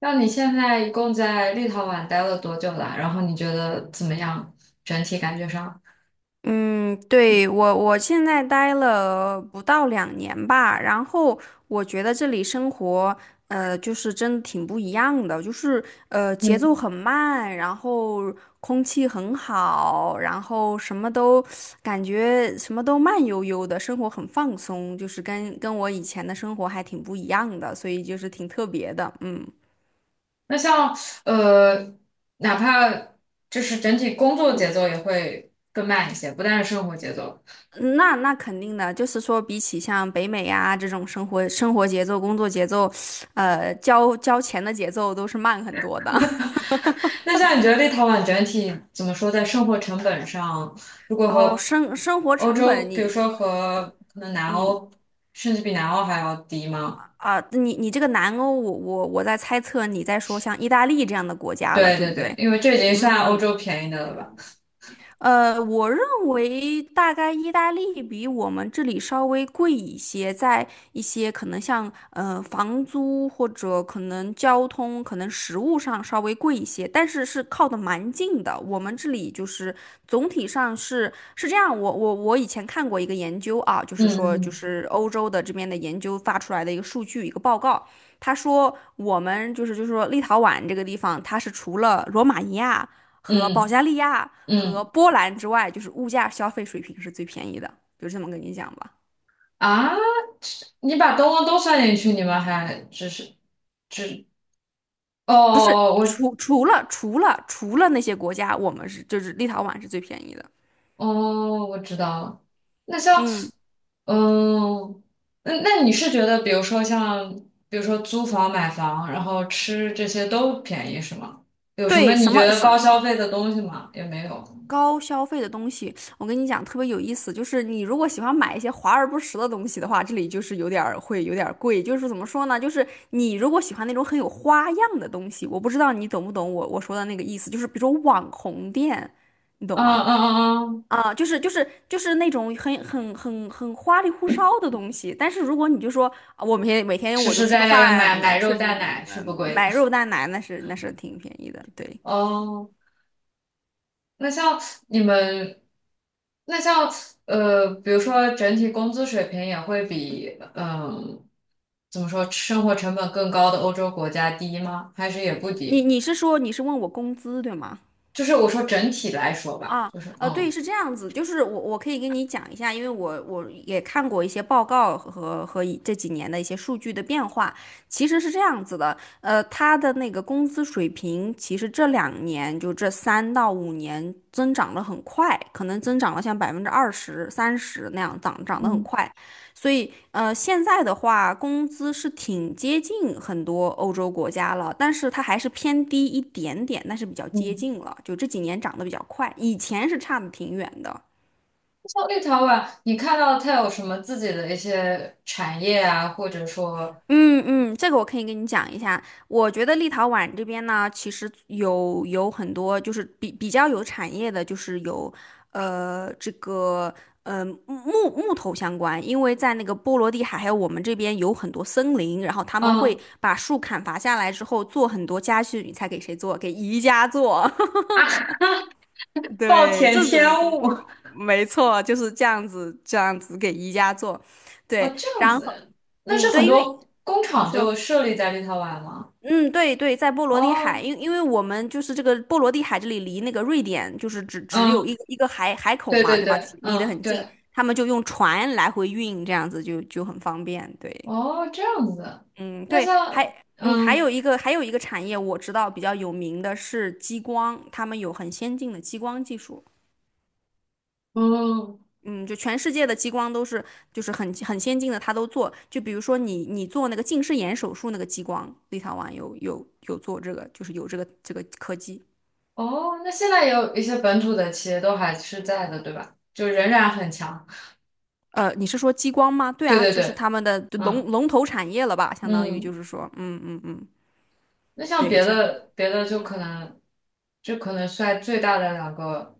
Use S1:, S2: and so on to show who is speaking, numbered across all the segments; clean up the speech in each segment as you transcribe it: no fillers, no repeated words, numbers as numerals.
S1: 那你现在一共在立陶宛待了多久啦？然后你觉得怎么样？整体感觉上？
S2: 嗯，对，我现在待了不到两年吧。然后我觉得这里生活，就是真的挺不一样的。就是节奏
S1: 嗯。
S2: 很慢，然后空气很好，然后什么都感觉什么都慢悠悠的，生活很放松，就是跟我以前的生活还挺不一样的，所以就是挺特别的，嗯。
S1: 那像呃，哪怕就是整体工作节奏也会更慢一些，不但是生活节奏。
S2: 那肯定的，就是说，比起像北美呀、这种生活节奏、工作节奏，交钱的节奏都是慢很多的。
S1: 那像你觉得立陶宛整体怎么说，在生活成本上，如果
S2: 哦，
S1: 和
S2: 生活
S1: 欧
S2: 成
S1: 洲，
S2: 本
S1: 比如
S2: 你，
S1: 说和可能南
S2: 嗯
S1: 欧，甚至比南欧还要低吗？
S2: 你这个南欧，我在猜测你在说像意大利这样的国家了，
S1: 对
S2: 对
S1: 对
S2: 不
S1: 对，
S2: 对？
S1: 因为这已经算欧
S2: 嗯，
S1: 洲便宜的了吧？
S2: 我认为大概意大利比我们这里稍微贵一些，在一些可能像房租或者可能交通、可能食物上稍微贵一些，但是是靠的蛮近的。我们这里就是总体上是这样。我以前看过一个研究啊，就
S1: 嗯
S2: 是说就
S1: 嗯
S2: 是欧洲的这边的研究发出来的一个数据一个报告，他说我们就是说立陶宛这个地方，它是除了罗马尼亚和保
S1: 嗯
S2: 加利亚和
S1: 嗯。嗯
S2: 波兰之外，就是物价消费水平是最便宜的，就这么跟你讲吧。
S1: 啊，你把东东都算进去，你们还只是只哦，我
S2: 除了那些国家，我们是就是立陶宛是最便宜的。
S1: 哦，我知道了。那像
S2: 嗯，
S1: 嗯，那你是觉得，比如说像，比如说租房、买房，然后吃这些都便宜是吗？有什么
S2: 对，
S1: 你
S2: 什
S1: 觉
S2: 么
S1: 得高
S2: 是
S1: 消费的东西吗？也没有。
S2: 高消费的东西？我跟你讲，特别有意思，就是你如果喜欢买一些华而不实的东西的话，这里就是有点儿会有点儿贵。就是怎么说呢？就是你如果喜欢那种很有花样的东西，我不知道你懂不懂我说的那个意思，就是比如说网红店，你懂
S1: 嗯
S2: 吗？
S1: 嗯嗯嗯，
S2: 啊，就是那种很花里胡哨的东西，但是如果你就说啊我每天每天
S1: 实
S2: 我就
S1: 实
S2: 吃个
S1: 在在的
S2: 饭，
S1: 买
S2: 呃
S1: 买肉
S2: 吃吃
S1: 蛋奶是
S2: 呃
S1: 不贵
S2: 买
S1: 的。
S2: 肉蛋奶，那是挺便宜的。对，
S1: 哦，那像你们，那像比如说整体工资水平也会比嗯，怎么说生活成本更高的欧洲国家低吗？还是也不
S2: 你
S1: 低？
S2: 你是说你是问我工资对吗？
S1: 就是我说整体来说吧，
S2: 啊，
S1: 就是
S2: 对，
S1: 嗯。
S2: 是这样子，就是我可以跟你讲一下。因为我也看过一些报告和这几年的一些数据的变化。其实是这样子的，他的那个工资水平，其实这两年就这3到5年增长的很快，可能增长了像20%、30那样涨，涨得很
S1: 嗯
S2: 快，所以现在的话，工资是挺接近很多欧洲国家了，但是它还是偏低一点点，但是比较接
S1: 嗯。
S2: 近了。就这几年涨得比较快，以前是差的挺远的。
S1: 像立陶宛，你看到它有什么自己的一些产业啊，或者说
S2: 嗯嗯，这个我可以跟你讲一下。我觉得立陶宛这边呢，其实有很多就是比较有产业的，就是有这个木头相关，因为在那个波罗的海还有我们这边有很多森林，然后他们会
S1: 嗯，
S2: 把树砍伐下来之后做很多家具，你猜给谁做？给宜家做。
S1: 暴
S2: 对，
S1: 殄天物。
S2: 没错，就是这样子给宜家做。
S1: 哦
S2: 对，
S1: 这样
S2: 然后
S1: 子，那
S2: 嗯
S1: 是
S2: 对，
S1: 很
S2: 因为
S1: 多工
S2: 你
S1: 厂
S2: 说。
S1: 就设立在立陶宛吗？
S2: 嗯，对对，在波罗的海，
S1: 哦，
S2: 因为我们就是这个波罗的海这里离那个瑞典就是只
S1: 嗯。
S2: 有一个海口
S1: 对
S2: 嘛，
S1: 对
S2: 对吗？就是
S1: 对，
S2: 离得
S1: 嗯，
S2: 很近，
S1: 对，
S2: 他们就用船来回运，这样子就很方便。对，
S1: 哦，这样子的。
S2: 嗯，
S1: 那
S2: 对，
S1: 像，
S2: 还嗯还
S1: 嗯，
S2: 有一个还有一个产业我知道比较有名的是激光，他们有很先进的激光技术。
S1: 哦，
S2: 嗯，就全世界的激光都是很先进的，他都做。就比如说你做那个近视眼手术那个激光，立陶宛有做这个，就是有这个科技。
S1: 哦，那现在也有一些本土的企业都还是在的，对吧？就仍然很强。
S2: 你是说激光吗？对
S1: 对
S2: 啊，
S1: 对
S2: 这是
S1: 对，
S2: 他们的龙
S1: 嗯
S2: 龙头产业了吧？相当于就
S1: 嗯。
S2: 是说，嗯嗯嗯，
S1: 那像
S2: 对，
S1: 别的别的就
S2: 嗯
S1: 可能，就可能算最大的两个，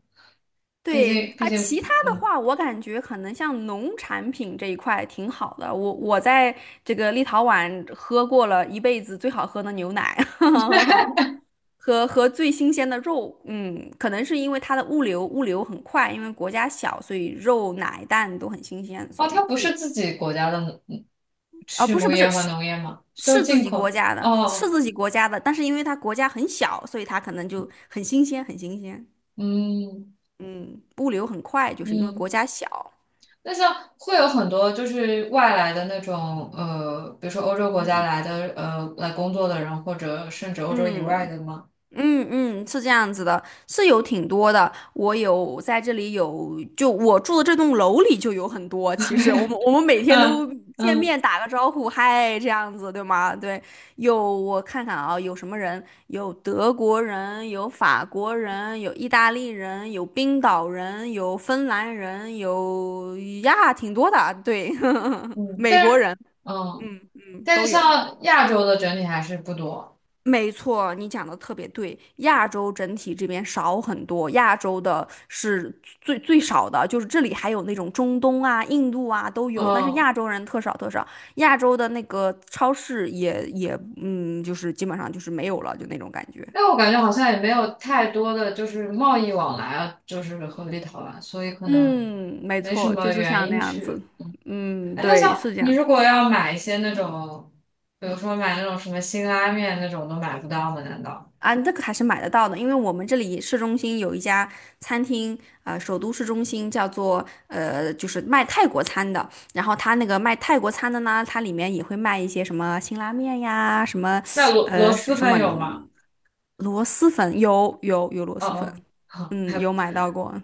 S1: 毕
S2: 对
S1: 竟毕
S2: 啊，其他
S1: 竟，
S2: 的
S1: 嗯，
S2: 话，我感觉可能像农产品这一块挺好的。我在这个立陶宛喝过了一辈子最好喝的牛奶，和最新鲜的肉，嗯，可能是因为它的物流很快，因为国家小，所以肉、奶、蛋都很新鲜，所
S1: 哦，
S2: 以
S1: 它不是自己国家的嗯，
S2: 啊，
S1: 畜
S2: 不是
S1: 牧
S2: 不
S1: 业
S2: 是
S1: 和
S2: 是
S1: 农业嘛，都是
S2: 是自
S1: 进
S2: 己
S1: 口
S2: 国
S1: 的。
S2: 家的，是
S1: 哦，
S2: 自己国家的，但是因为它国家很小，所以它可能就很新鲜，很新鲜。
S1: 嗯
S2: 嗯，物流很快，就是因为国
S1: 嗯。
S2: 家小。
S1: 那像会有很多就是外来的那种比如说欧洲国家
S2: 嗯，
S1: 来的来工作的人，或者甚至欧洲以外
S2: 嗯。
S1: 的吗？
S2: 嗯嗯，是这样子的，是有挺多的。我在这里有，就我住的这栋楼里就有很多。其实我们每天都
S1: 嗯
S2: 见
S1: 嗯，
S2: 面打个招呼，嗨，这样子对吗？对，有我看看啊，有什么人？有德国人，有法国人，有意大利人，有冰岛人，有芬兰人，有呀，挺多的。对，
S1: 嗯，
S2: 美
S1: 但
S2: 国
S1: 是
S2: 人，
S1: 嗯，
S2: 嗯嗯，
S1: 但是
S2: 都有。
S1: 像亚洲的整体还是不多。
S2: 没错，你讲的特别对。亚洲整体这边少很多，亚洲的是最少的，就是这里还有那种中东啊、印度啊都有，但是
S1: 嗯，
S2: 亚洲人特少特少。亚洲的那个超市也就是基本上就是没有了，就那种感觉。
S1: 但我感觉好像也没有太多的就是贸易往来啊，就是和立陶宛，所以可能
S2: 嗯，没
S1: 没什
S2: 错，就
S1: 么
S2: 是像
S1: 原
S2: 那
S1: 因
S2: 样
S1: 去。
S2: 子。嗯，
S1: 哎，那
S2: 对，
S1: 像
S2: 是这
S1: 你
S2: 样。
S1: 如果要买一些那种，比如说买那种什么辛拉面那种，都买不到吗？难道？
S2: 啊，这个还是买得到的，因为我们这里市中心有一家餐厅，首都市中心叫做就是卖泰国餐的。然后它那个卖泰国餐的呢，它里面也会卖一些什么辛拉面呀，什么
S1: 那螺螺
S2: 是
S1: 蛳
S2: 什
S1: 粉
S2: 么
S1: 有吗？
S2: 螺蛳粉，有螺
S1: 哦
S2: 蛳粉，
S1: 哦，好，还
S2: 嗯，
S1: 有
S2: 有买到过。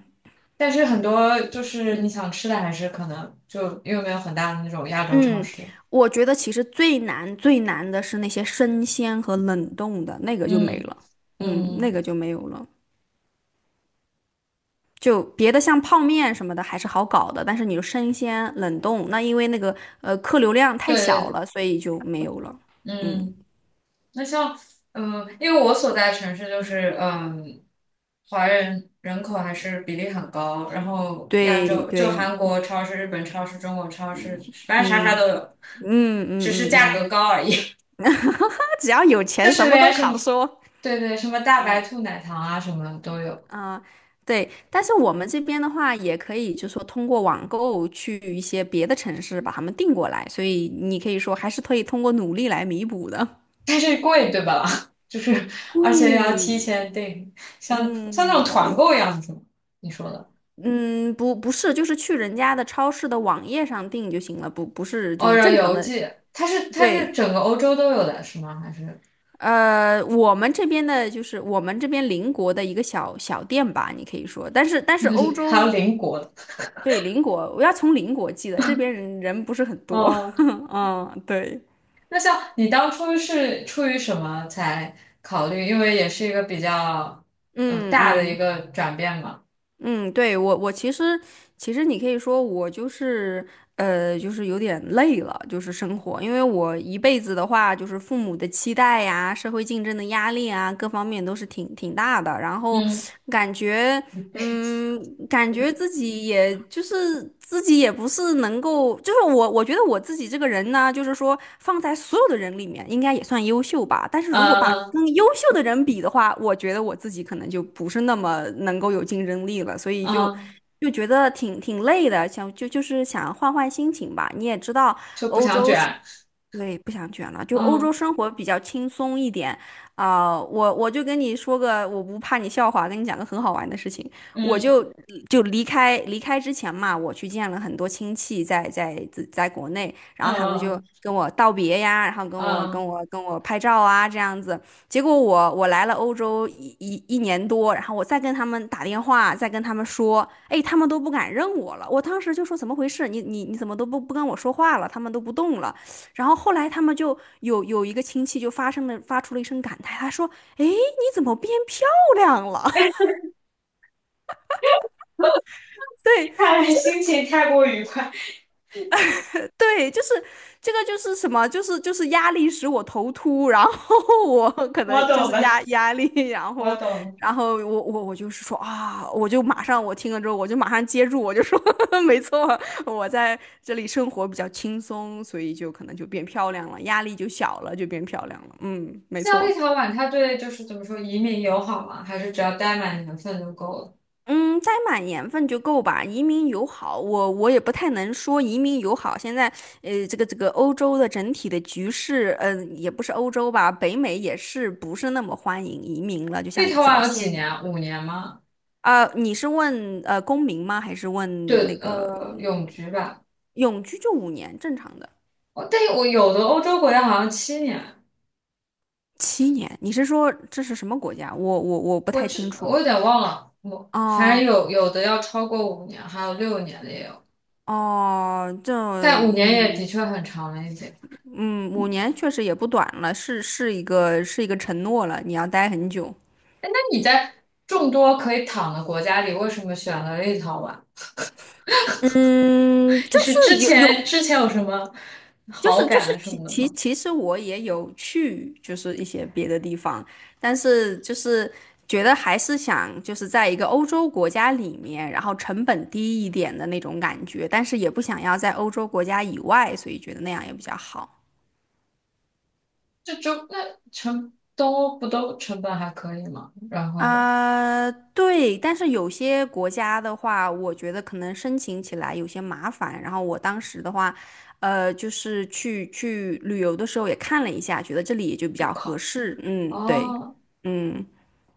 S1: 但是很多就是你想吃的，还是可能就因为没有很大的那种亚洲超
S2: 嗯，
S1: 市。
S2: 我觉得其实最难最难的是那些生鲜和冷冻的，那个就没
S1: 嗯
S2: 了，嗯，那个
S1: 嗯，
S2: 就没有了。就别的像泡面什么的还是好搞的，但是你就生鲜冷冻，那因为那个客流量太小
S1: 对，
S2: 了，所以就没有了。嗯，
S1: 嗯，那像嗯、因为我所在城市就是嗯、华人人口还是比例很高，然后亚
S2: 对
S1: 洲就
S2: 对，
S1: 韩国超市、日本超市、中国超
S2: 嗯
S1: 市，反正啥啥
S2: 嗯
S1: 都有，
S2: 嗯
S1: 只是
S2: 嗯嗯
S1: 价格
S2: 嗯，
S1: 高而已。
S2: 他只要有
S1: 就
S2: 钱，什
S1: 是
S2: 么
S1: 连
S2: 都
S1: 什么，
S2: 好说。
S1: 对对，什么大白
S2: 嗯
S1: 兔奶糖啊，什么都有。
S2: 啊、对，但是我们这边的话，也可以就是说通过网购去一些别的城市把他们订过来，所以你可以说还是可以通过努力来弥补的。
S1: 但是贵，对吧？就是而且要
S2: 贵，
S1: 提前订，像那种团
S2: 嗯，
S1: 购一样子吗？你说的，
S2: 嗯，不，不是，就是去人家的超市的网页上订就行了，不，不是，就
S1: 哦，
S2: 是
S1: 然后
S2: 正常
S1: 邮
S2: 的。
S1: 寄，它是它
S2: 对，
S1: 是整个欧洲都有的是吗？还是
S2: 我们这边的就是我们这边邻国的一个小小店吧，你可以说，但是欧
S1: 还有
S2: 洲
S1: 邻国的？
S2: 对邻国，我要从邻国寄的，这边人不是很多，
S1: 哦，
S2: 嗯，对，
S1: 那像你当初是出于什么才考虑？因为也是一个比较
S2: 嗯
S1: 大的一
S2: 嗯。
S1: 个转变嘛。
S2: 嗯，对，我其实你可以说我就是就是有点累了，就是生活，因为我一辈子的话，就是父母的期待呀、社会竞争的压力啊，各方面都是挺大的，然后
S1: 嗯，
S2: 感觉。
S1: 一辈子。
S2: 嗯，感觉自己也不是能够，就是我觉得我自己这个人呢，就是说放在所有的人里面，应该也算优秀吧。但是如果
S1: 嗯
S2: 把
S1: 嗯
S2: 跟优秀的人比的话，我觉得我自己可能就不是那么能够有竞争力了，所以就
S1: 嗯，
S2: 就觉得挺累的，想就是想换换心情吧。你也知道，
S1: 就不
S2: 欧
S1: 想
S2: 洲是
S1: 卷。
S2: 对，不想卷了，就欧洲
S1: 嗯
S2: 生活比较轻松一点啊、我就跟你说个，我不怕你笑话，跟你讲个很好玩的事情。我
S1: 嗯
S2: 就离开之前嘛，我去见了很多亲戚在国内，然后他们就
S1: 嗯
S2: 跟我道别呀，然后跟
S1: 嗯
S2: 我跟
S1: 嗯。
S2: 我跟我拍照啊这样子。结果我来了欧洲一年多，然后我再跟他们打电话，再跟他们说，哎，他们都不敢认我了。我当时就说怎么回事？你怎么都不跟我说话了？他们都不动了。然后后来他们就有一个亲戚就发出了一声感叹，他说：“哎，你怎么变漂亮了？”
S1: 嗯
S2: 对
S1: 看来心情太过愉快，
S2: 对，就是这个就是什么，就是压力使我头秃，然后我 可
S1: 我
S2: 能就
S1: 懂
S2: 是
S1: 了，
S2: 压力，然
S1: 我
S2: 后
S1: 懂。了。
S2: 然后我就是说啊，我就马上我听了之后我就马上接住，我就说呵呵 没错，我在这里生活比较轻松，所以就可能就变漂亮了，压力就小了，就变漂亮了。嗯，没
S1: 像立
S2: 错。
S1: 陶宛，它对就是怎么说移民友好吗？还是只要待满年份就够了？
S2: 嗯，栽满年份就够吧。移民友好，我也不太能说移民友好。现在，这个这个欧洲的整体的局势，嗯、也不是欧洲吧，北美也是不是那么欢迎移民了，就像
S1: 立陶
S2: 早
S1: 宛有
S2: 些
S1: 几年啊
S2: 年。
S1: 五年吗？
S2: 啊、你是问公民吗？还是问那
S1: 对，
S2: 个
S1: 永居吧。
S2: 永居就五年正常的？
S1: 哦，但我有的欧洲国家好像七年，
S2: 七年？你是说这是什么国家？我不
S1: 我
S2: 太清
S1: 知，
S2: 楚。
S1: 我有点忘了，我反正
S2: 哦
S1: 有，有的要超过五年，还有六年的也有，
S2: 哦，这
S1: 但五年也的
S2: 嗯。
S1: 确很长了一点。
S2: 嗯，五年确实也不短了，是一个承诺了，你要待很久。
S1: 那你在众多可以躺的国家里，为什么选了立陶宛？
S2: 嗯，
S1: 你
S2: 就
S1: 是
S2: 是
S1: 之
S2: 有，
S1: 前之前有什么
S2: 就
S1: 好
S2: 是就
S1: 感
S2: 是
S1: 啊什
S2: 其
S1: 么的
S2: 其
S1: 吗？
S2: 其实我也有去，就是一些别的地方，但是就是觉得还是想就是在一个欧洲国家里面，然后成本低一点的那种感觉，但是也不想要在欧洲国家以外，所以觉得那样也比较好。
S1: 这就那成都不都成本还可以吗？然后
S2: 啊，对，但是有些国家的话，我觉得可能申请起来有些麻烦。然后我当时的话，就是去旅游的时候也看了一下，觉得这里也就比
S1: 就
S2: 较合
S1: 考，
S2: 适。嗯，对，
S1: 哦，
S2: 嗯。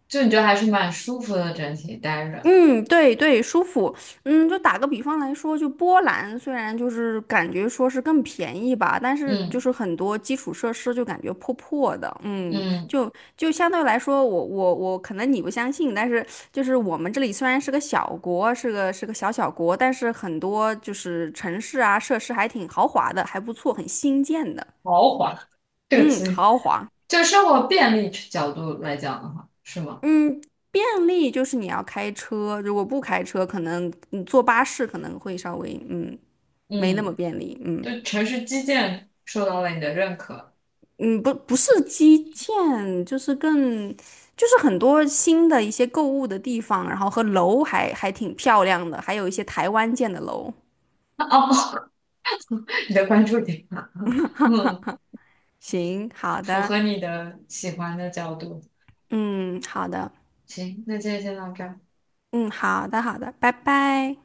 S1: 就你觉得还是蛮舒服的，整体待着，
S2: 嗯，对对，舒服。嗯，就打个比方来说，就波兰虽然就是感觉说是更便宜吧，但是就
S1: 嗯，
S2: 是很多基础设施就感觉破破的。嗯，
S1: 嗯，
S2: 就就相对来说，我可能你不相信，但是就是我们这里虽然是个小国，是个小小国，但是很多就是城市啊设施还挺豪华的，还不错，很新建的。
S1: 豪华这个
S2: 嗯，
S1: 词语，
S2: 豪华。
S1: 就生活便利角度来讲的话，是吗？
S2: 嗯，便利就是你要开车，如果不开车，可能你坐巴士可能会稍微嗯。没那么
S1: 嗯，
S2: 便利，嗯
S1: 对城市基建受到了你的认可
S2: 嗯，不是基建，就是更就是很多新的一些购物的地方，然后和楼还还挺漂亮的，还有一些台湾建的楼。
S1: 哦，你的关注点啊，嗯，
S2: 行，好
S1: 符
S2: 的，
S1: 合你的喜欢的角度。
S2: 嗯，好的，
S1: 行，那今天先到这儿。
S2: 嗯，好的，好的，拜拜。